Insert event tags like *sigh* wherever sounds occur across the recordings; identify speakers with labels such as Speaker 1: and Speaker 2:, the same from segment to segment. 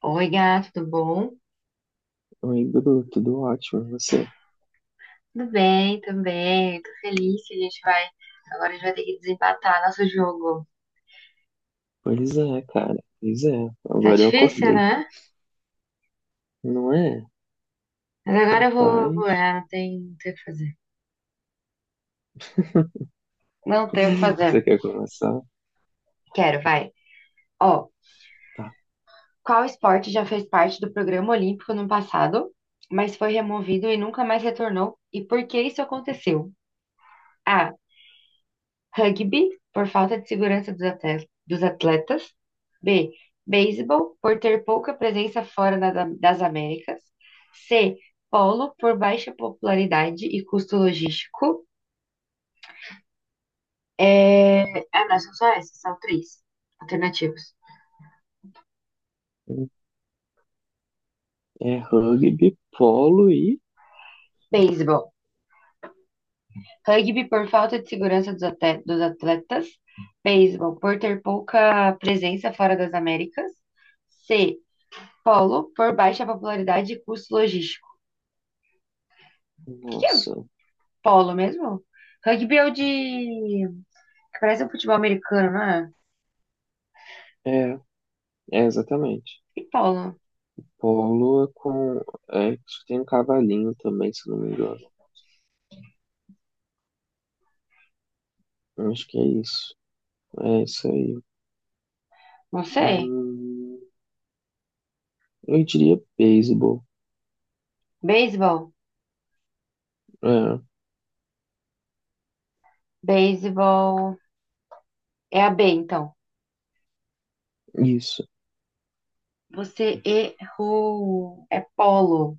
Speaker 1: Oi, gato, tudo bom?
Speaker 2: Oi, Bruno, tudo ótimo, e você?
Speaker 1: Tudo bem também. Tô feliz que a gente vai. Agora a gente vai ter que desempatar nosso jogo.
Speaker 2: Pois é, cara, pois é.
Speaker 1: Tá
Speaker 2: Agora eu
Speaker 1: difícil,
Speaker 2: acordei,
Speaker 1: né?
Speaker 2: não é?
Speaker 1: Mas agora eu vou.
Speaker 2: Rapaz,
Speaker 1: Não tem o que fazer.
Speaker 2: *laughs*
Speaker 1: Não tem o que
Speaker 2: você
Speaker 1: fazer.
Speaker 2: quer começar?
Speaker 1: Quero, vai. Ó,
Speaker 2: Tá.
Speaker 1: qual esporte já fez parte do programa olímpico no passado, mas foi removido e nunca mais retornou? E por que isso aconteceu? A. Rugby, por falta de segurança dos atletas. B. Beisebol, por ter pouca presença fora das Américas. C. Polo, por baixa popularidade e custo logístico. É... Ah, não, são só essas, são três alternativas.
Speaker 2: É rugby, polo e.
Speaker 1: Beisebol. Rugby por falta de segurança dos atletas. Beisebol por ter pouca presença fora das Américas. C. Polo por baixa popularidade e custo logístico. O que que é
Speaker 2: Nossa,
Speaker 1: Polo mesmo? Rugby é o de que parece um futebol americano, não é?
Speaker 2: é, é exatamente.
Speaker 1: E polo?
Speaker 2: Polo é com. É, acho que tem um cavalinho também, se não me engano. Acho que é isso. É isso aí.
Speaker 1: Não sei.
Speaker 2: Hum, eu diria beisebol.
Speaker 1: Beisebol?
Speaker 2: É,
Speaker 1: Beisebol. É a B, então.
Speaker 2: isso.
Speaker 1: Você errou. É polo.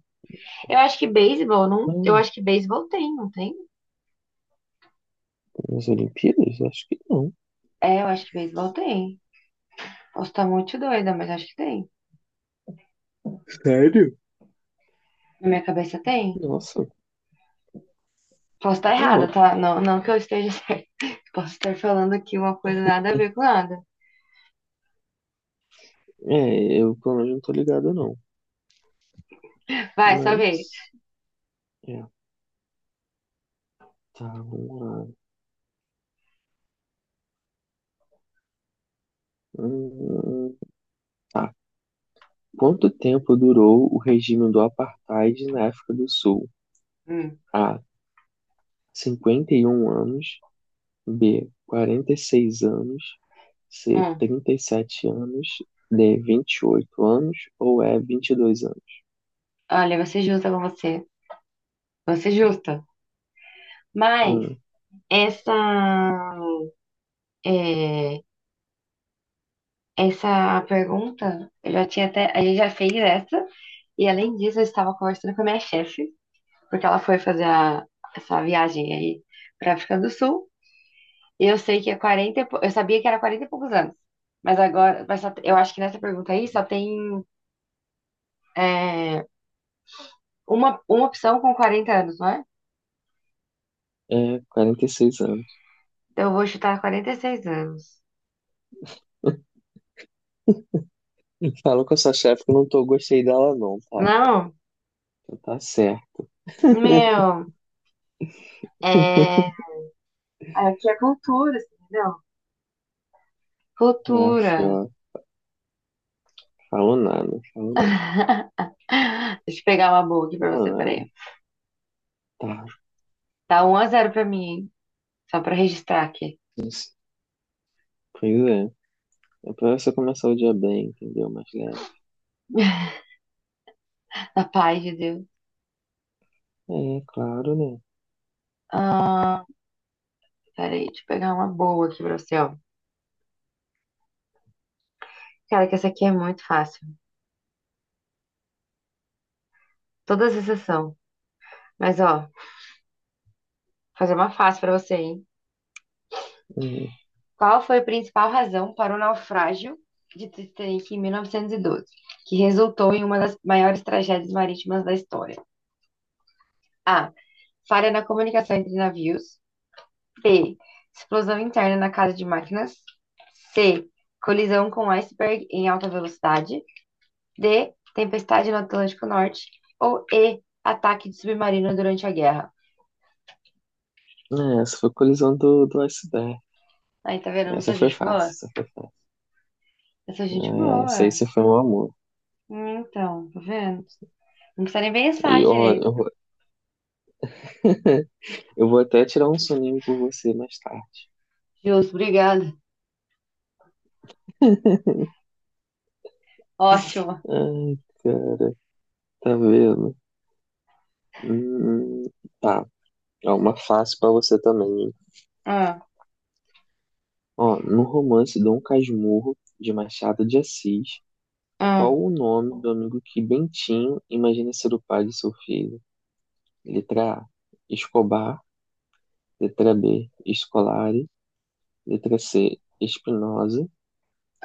Speaker 1: Eu acho que beisebol não. Eu
Speaker 2: Não,
Speaker 1: acho que beisebol tem, não tem?
Speaker 2: nas Olimpíadas? Acho que não.
Speaker 1: É, eu acho que beisebol tem. Posso estar muito doida, mas acho que tem.
Speaker 2: Sério?
Speaker 1: Na minha cabeça tem.
Speaker 2: Nossa.
Speaker 1: Posso estar
Speaker 2: Não,
Speaker 1: errada,
Speaker 2: louco.
Speaker 1: tá? Não, não que eu esteja *laughs* certa. Posso estar falando aqui uma coisa nada a ver com nada.
Speaker 2: É, eu pelo menos não tô ligado, não.
Speaker 1: Vai, sua vez.
Speaker 2: Mas. É, tá, vamos lá. Hum, tá. Quanto tempo durou o regime do Apartheid na África do Sul?
Speaker 1: Hum,
Speaker 2: A. 51 anos. B. 46 anos. C.
Speaker 1: hum.
Speaker 2: 37 anos. D. 28 anos. Ou E. 22 anos?
Speaker 1: Olha, eu vou ser justa com você. Vou ser justa. Mas
Speaker 2: Hum,
Speaker 1: essa, é, essa pergunta, eu já tinha até. A gente já fez essa, e além disso, eu estava conversando com a minha chefe, porque ela foi fazer essa viagem aí para África do Sul. E eu sei que é Eu sabia que era 40 e poucos anos. Mas agora, eu acho que nessa pergunta aí só tem é, uma opção com 40 anos, não é?
Speaker 2: é, 46 anos.
Speaker 1: Então eu vou chutar 46 anos.
Speaker 2: *laughs* Falou com a sua chefe que eu não tô, gostei dela, não, tá?
Speaker 1: Não,
Speaker 2: Então tá certo. *laughs*
Speaker 1: meu, é, aqui é cultura, assim, entendeu?
Speaker 2: Ah,
Speaker 1: Futura.
Speaker 2: fio. Falou nada, falou nada,
Speaker 1: Deixa eu pegar uma boa aqui pra
Speaker 2: falou
Speaker 1: você,
Speaker 2: nada.
Speaker 1: peraí.
Speaker 2: Tá,
Speaker 1: Tá 1 a 0 pra mim, hein? Só pra registrar aqui.
Speaker 2: mas- pois é. É pra você começar o dia bem, entendeu? Mais leve.
Speaker 1: Na paz de Deus.
Speaker 2: É, claro, né?
Speaker 1: Ah, peraí, deixa eu pegar uma boa aqui pra você, ó. Cara, que essa aqui é muito fácil. Todas exceção. Mas, ó, vou fazer uma fácil pra você, hein?
Speaker 2: Uhum.
Speaker 1: Qual foi a principal razão para o naufrágio de Titanic em 1912, que resultou em uma das maiores tragédias marítimas da história? A. Falha na comunicação entre navios. B. Explosão interna na casa de máquinas. C. Colisão com iceberg em alta velocidade. D. Tempestade no Atlântico Norte. Ou E. Ataque de submarino durante a guerra.
Speaker 2: É, essa foi a colisão do iceberg.
Speaker 1: Aí, tá vendo? Eu não
Speaker 2: Essa
Speaker 1: sou
Speaker 2: foi
Speaker 1: gente
Speaker 2: fácil.
Speaker 1: boa?
Speaker 2: Essa foi.
Speaker 1: Eu sou gente
Speaker 2: É, essa aí
Speaker 1: boa.
Speaker 2: você foi um amor.
Speaker 1: Então, tá vendo? Não precisa nem pensar
Speaker 2: E ó,
Speaker 1: direito.
Speaker 2: eu, *laughs* eu vou até tirar um soninho por você mais tarde.
Speaker 1: Justo, obrigada. Ótimo.
Speaker 2: Ai, cara, tá vendo? Hum, tá. É uma fácil pra você também, hein?
Speaker 1: Ah,
Speaker 2: Ó, no romance Dom Casmurro, de Machado de Assis.
Speaker 1: ah,
Speaker 2: Qual o nome do amigo que Bentinho imagina ser o pai de seu filho? Letra A, Escobar. Letra B, Scolari. Letra C, Espinosa.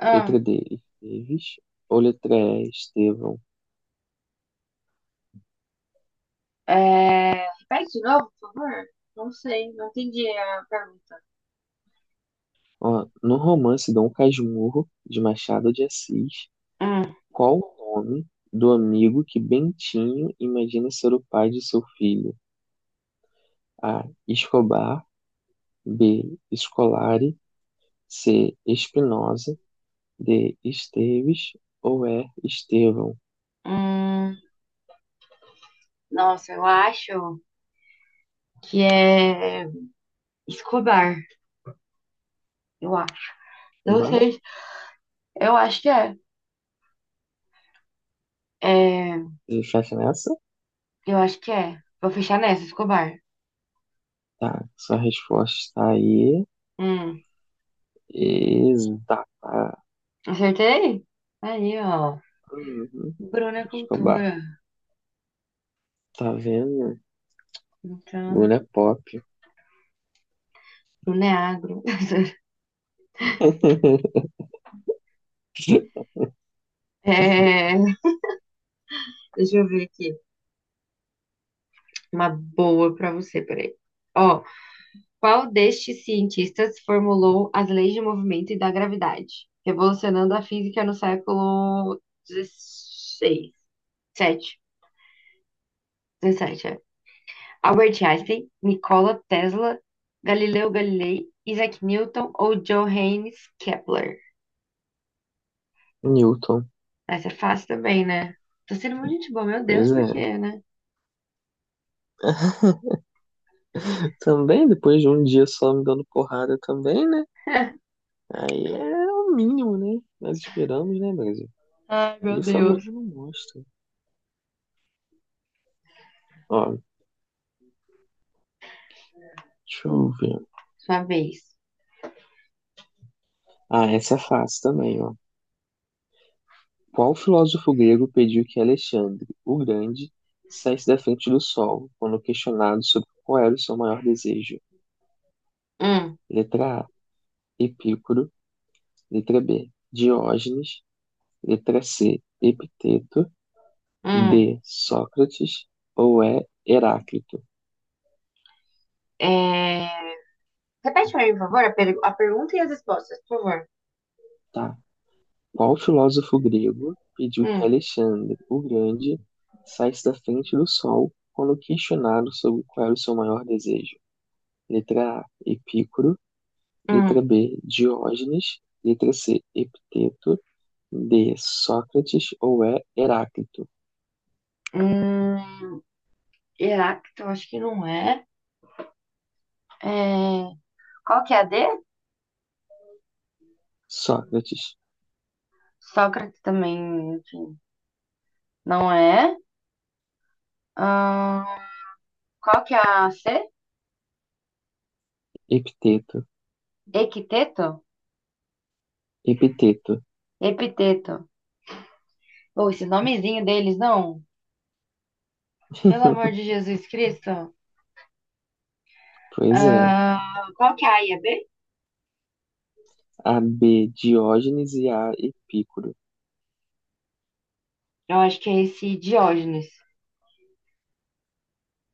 Speaker 1: ah.
Speaker 2: Letra D, Esteves. Ou letra E, Estevão.
Speaker 1: Repete de novo, por favor. Não sei, não entendi a pergunta.
Speaker 2: Ó, no romance Dom Casmurro, de Machado de Assis,
Speaker 1: Hum,
Speaker 2: qual o nome do amigo que Bentinho imagina ser o pai de seu filho? A, Escobar. B, Scolari. C, Espinosa. De Esteves ou é Estevão?
Speaker 1: hum. Nossa, eu acho que é Escobar, eu acho. Não
Speaker 2: Chubar?
Speaker 1: sei. Eu acho que é. É,
Speaker 2: Você fecha nessa?
Speaker 1: eu acho que é. Vou fechar nessa, Escobar.
Speaker 2: Tá, sua resposta está aí.
Speaker 1: Hum,
Speaker 2: Exata.
Speaker 1: Acertei? Aí, ó.
Speaker 2: Uhum.
Speaker 1: Bruno é
Speaker 2: Escobar.
Speaker 1: cultura.
Speaker 2: Tá vendo?
Speaker 1: Então,
Speaker 2: Mulher pop.
Speaker 1: Bruno é agro. *laughs*
Speaker 2: *laughs*
Speaker 1: É, deixa eu ver aqui. Uma boa pra você, peraí. Ó, qual destes cientistas formulou as leis de movimento e da gravidade, revolucionando a física no século XVI? Sete, 17, Albert Einstein, Nikola Tesla, Galileu Galilei, Isaac Newton ou Johannes Kepler?
Speaker 2: Newton.
Speaker 1: Essa é fácil também, né? Tô sendo muito gente boa, meu Deus,
Speaker 2: Pois
Speaker 1: por
Speaker 2: é.
Speaker 1: quê, né?
Speaker 2: Também, depois de um dia só me dando porrada também, né? Aí é o mínimo, né? Nós esperamos, né, Brasil?
Speaker 1: Ai, meu
Speaker 2: Isso a
Speaker 1: Deus.
Speaker 2: Globo não mostra. Ó, deixa eu ver.
Speaker 1: Sua vez.
Speaker 2: Ah, essa é fácil também, ó. Qual filósofo grego pediu que Alexandre, o Grande, saísse da frente do sol, quando questionado sobre qual era o seu maior desejo?
Speaker 1: Hum,
Speaker 2: Letra A, Epícoro. Letra B, Diógenes. Letra C, Epiteto.
Speaker 1: hum.
Speaker 2: D, Sócrates. Ou E, Heráclito.
Speaker 1: É... Repete pra mim, por favor, a pergunta e as respostas, por favor.
Speaker 2: Tá. Qual filósofo grego pediu que
Speaker 1: Hum,
Speaker 2: Alexandre, o Grande, saísse da frente do sol, quando questionado sobre qual era o seu maior desejo? Letra A, Epícoro. Letra
Speaker 1: hum,
Speaker 2: B, Diógenes. Letra C, Epiteto. D, Sócrates ou é Heráclito?
Speaker 1: hum. Heráclito, eu acho que não é. É, qual que é a D?
Speaker 2: Sócrates,
Speaker 1: Sócrates também, enfim, não é. Ahn, Qual que é a C?
Speaker 2: Epiteto,
Speaker 1: Equiteto?
Speaker 2: Epiteto.
Speaker 1: Epiteto. Ou esse nomezinho deles, não? Pelo amor
Speaker 2: *laughs*
Speaker 1: de Jesus Cristo.
Speaker 2: Pois é.
Speaker 1: Ah, qual que é a IAB?
Speaker 2: A B, Diógenes e A, Epícoro.
Speaker 1: Eu acho que é esse Diógenes.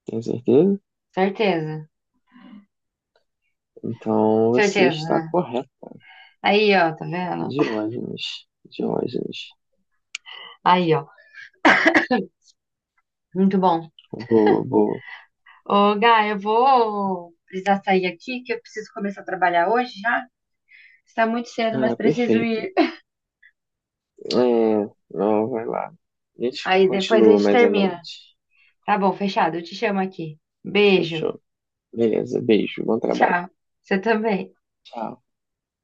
Speaker 2: Tem certeza?
Speaker 1: Certeza.
Speaker 2: Então você
Speaker 1: Certeza,
Speaker 2: está
Speaker 1: né?
Speaker 2: correto.
Speaker 1: Aí, ó, tá vendo?
Speaker 2: Diógenes, Diógenes.
Speaker 1: Aí, ó. Muito bom.
Speaker 2: Boa, boa.
Speaker 1: Ô, Gá, eu vou precisar sair aqui, que eu preciso começar a trabalhar hoje já. Está muito cedo,
Speaker 2: Ah,
Speaker 1: mas preciso
Speaker 2: perfeito.
Speaker 1: ir.
Speaker 2: É, não, vai lá. A gente
Speaker 1: Aí depois a
Speaker 2: continua
Speaker 1: gente
Speaker 2: mais à
Speaker 1: termina.
Speaker 2: noite.
Speaker 1: Tá bom, fechado. Eu te chamo aqui. Beijo.
Speaker 2: Fechou. Beleza, beijo, bom trabalho.
Speaker 1: Tchau. Você também.
Speaker 2: Tchau.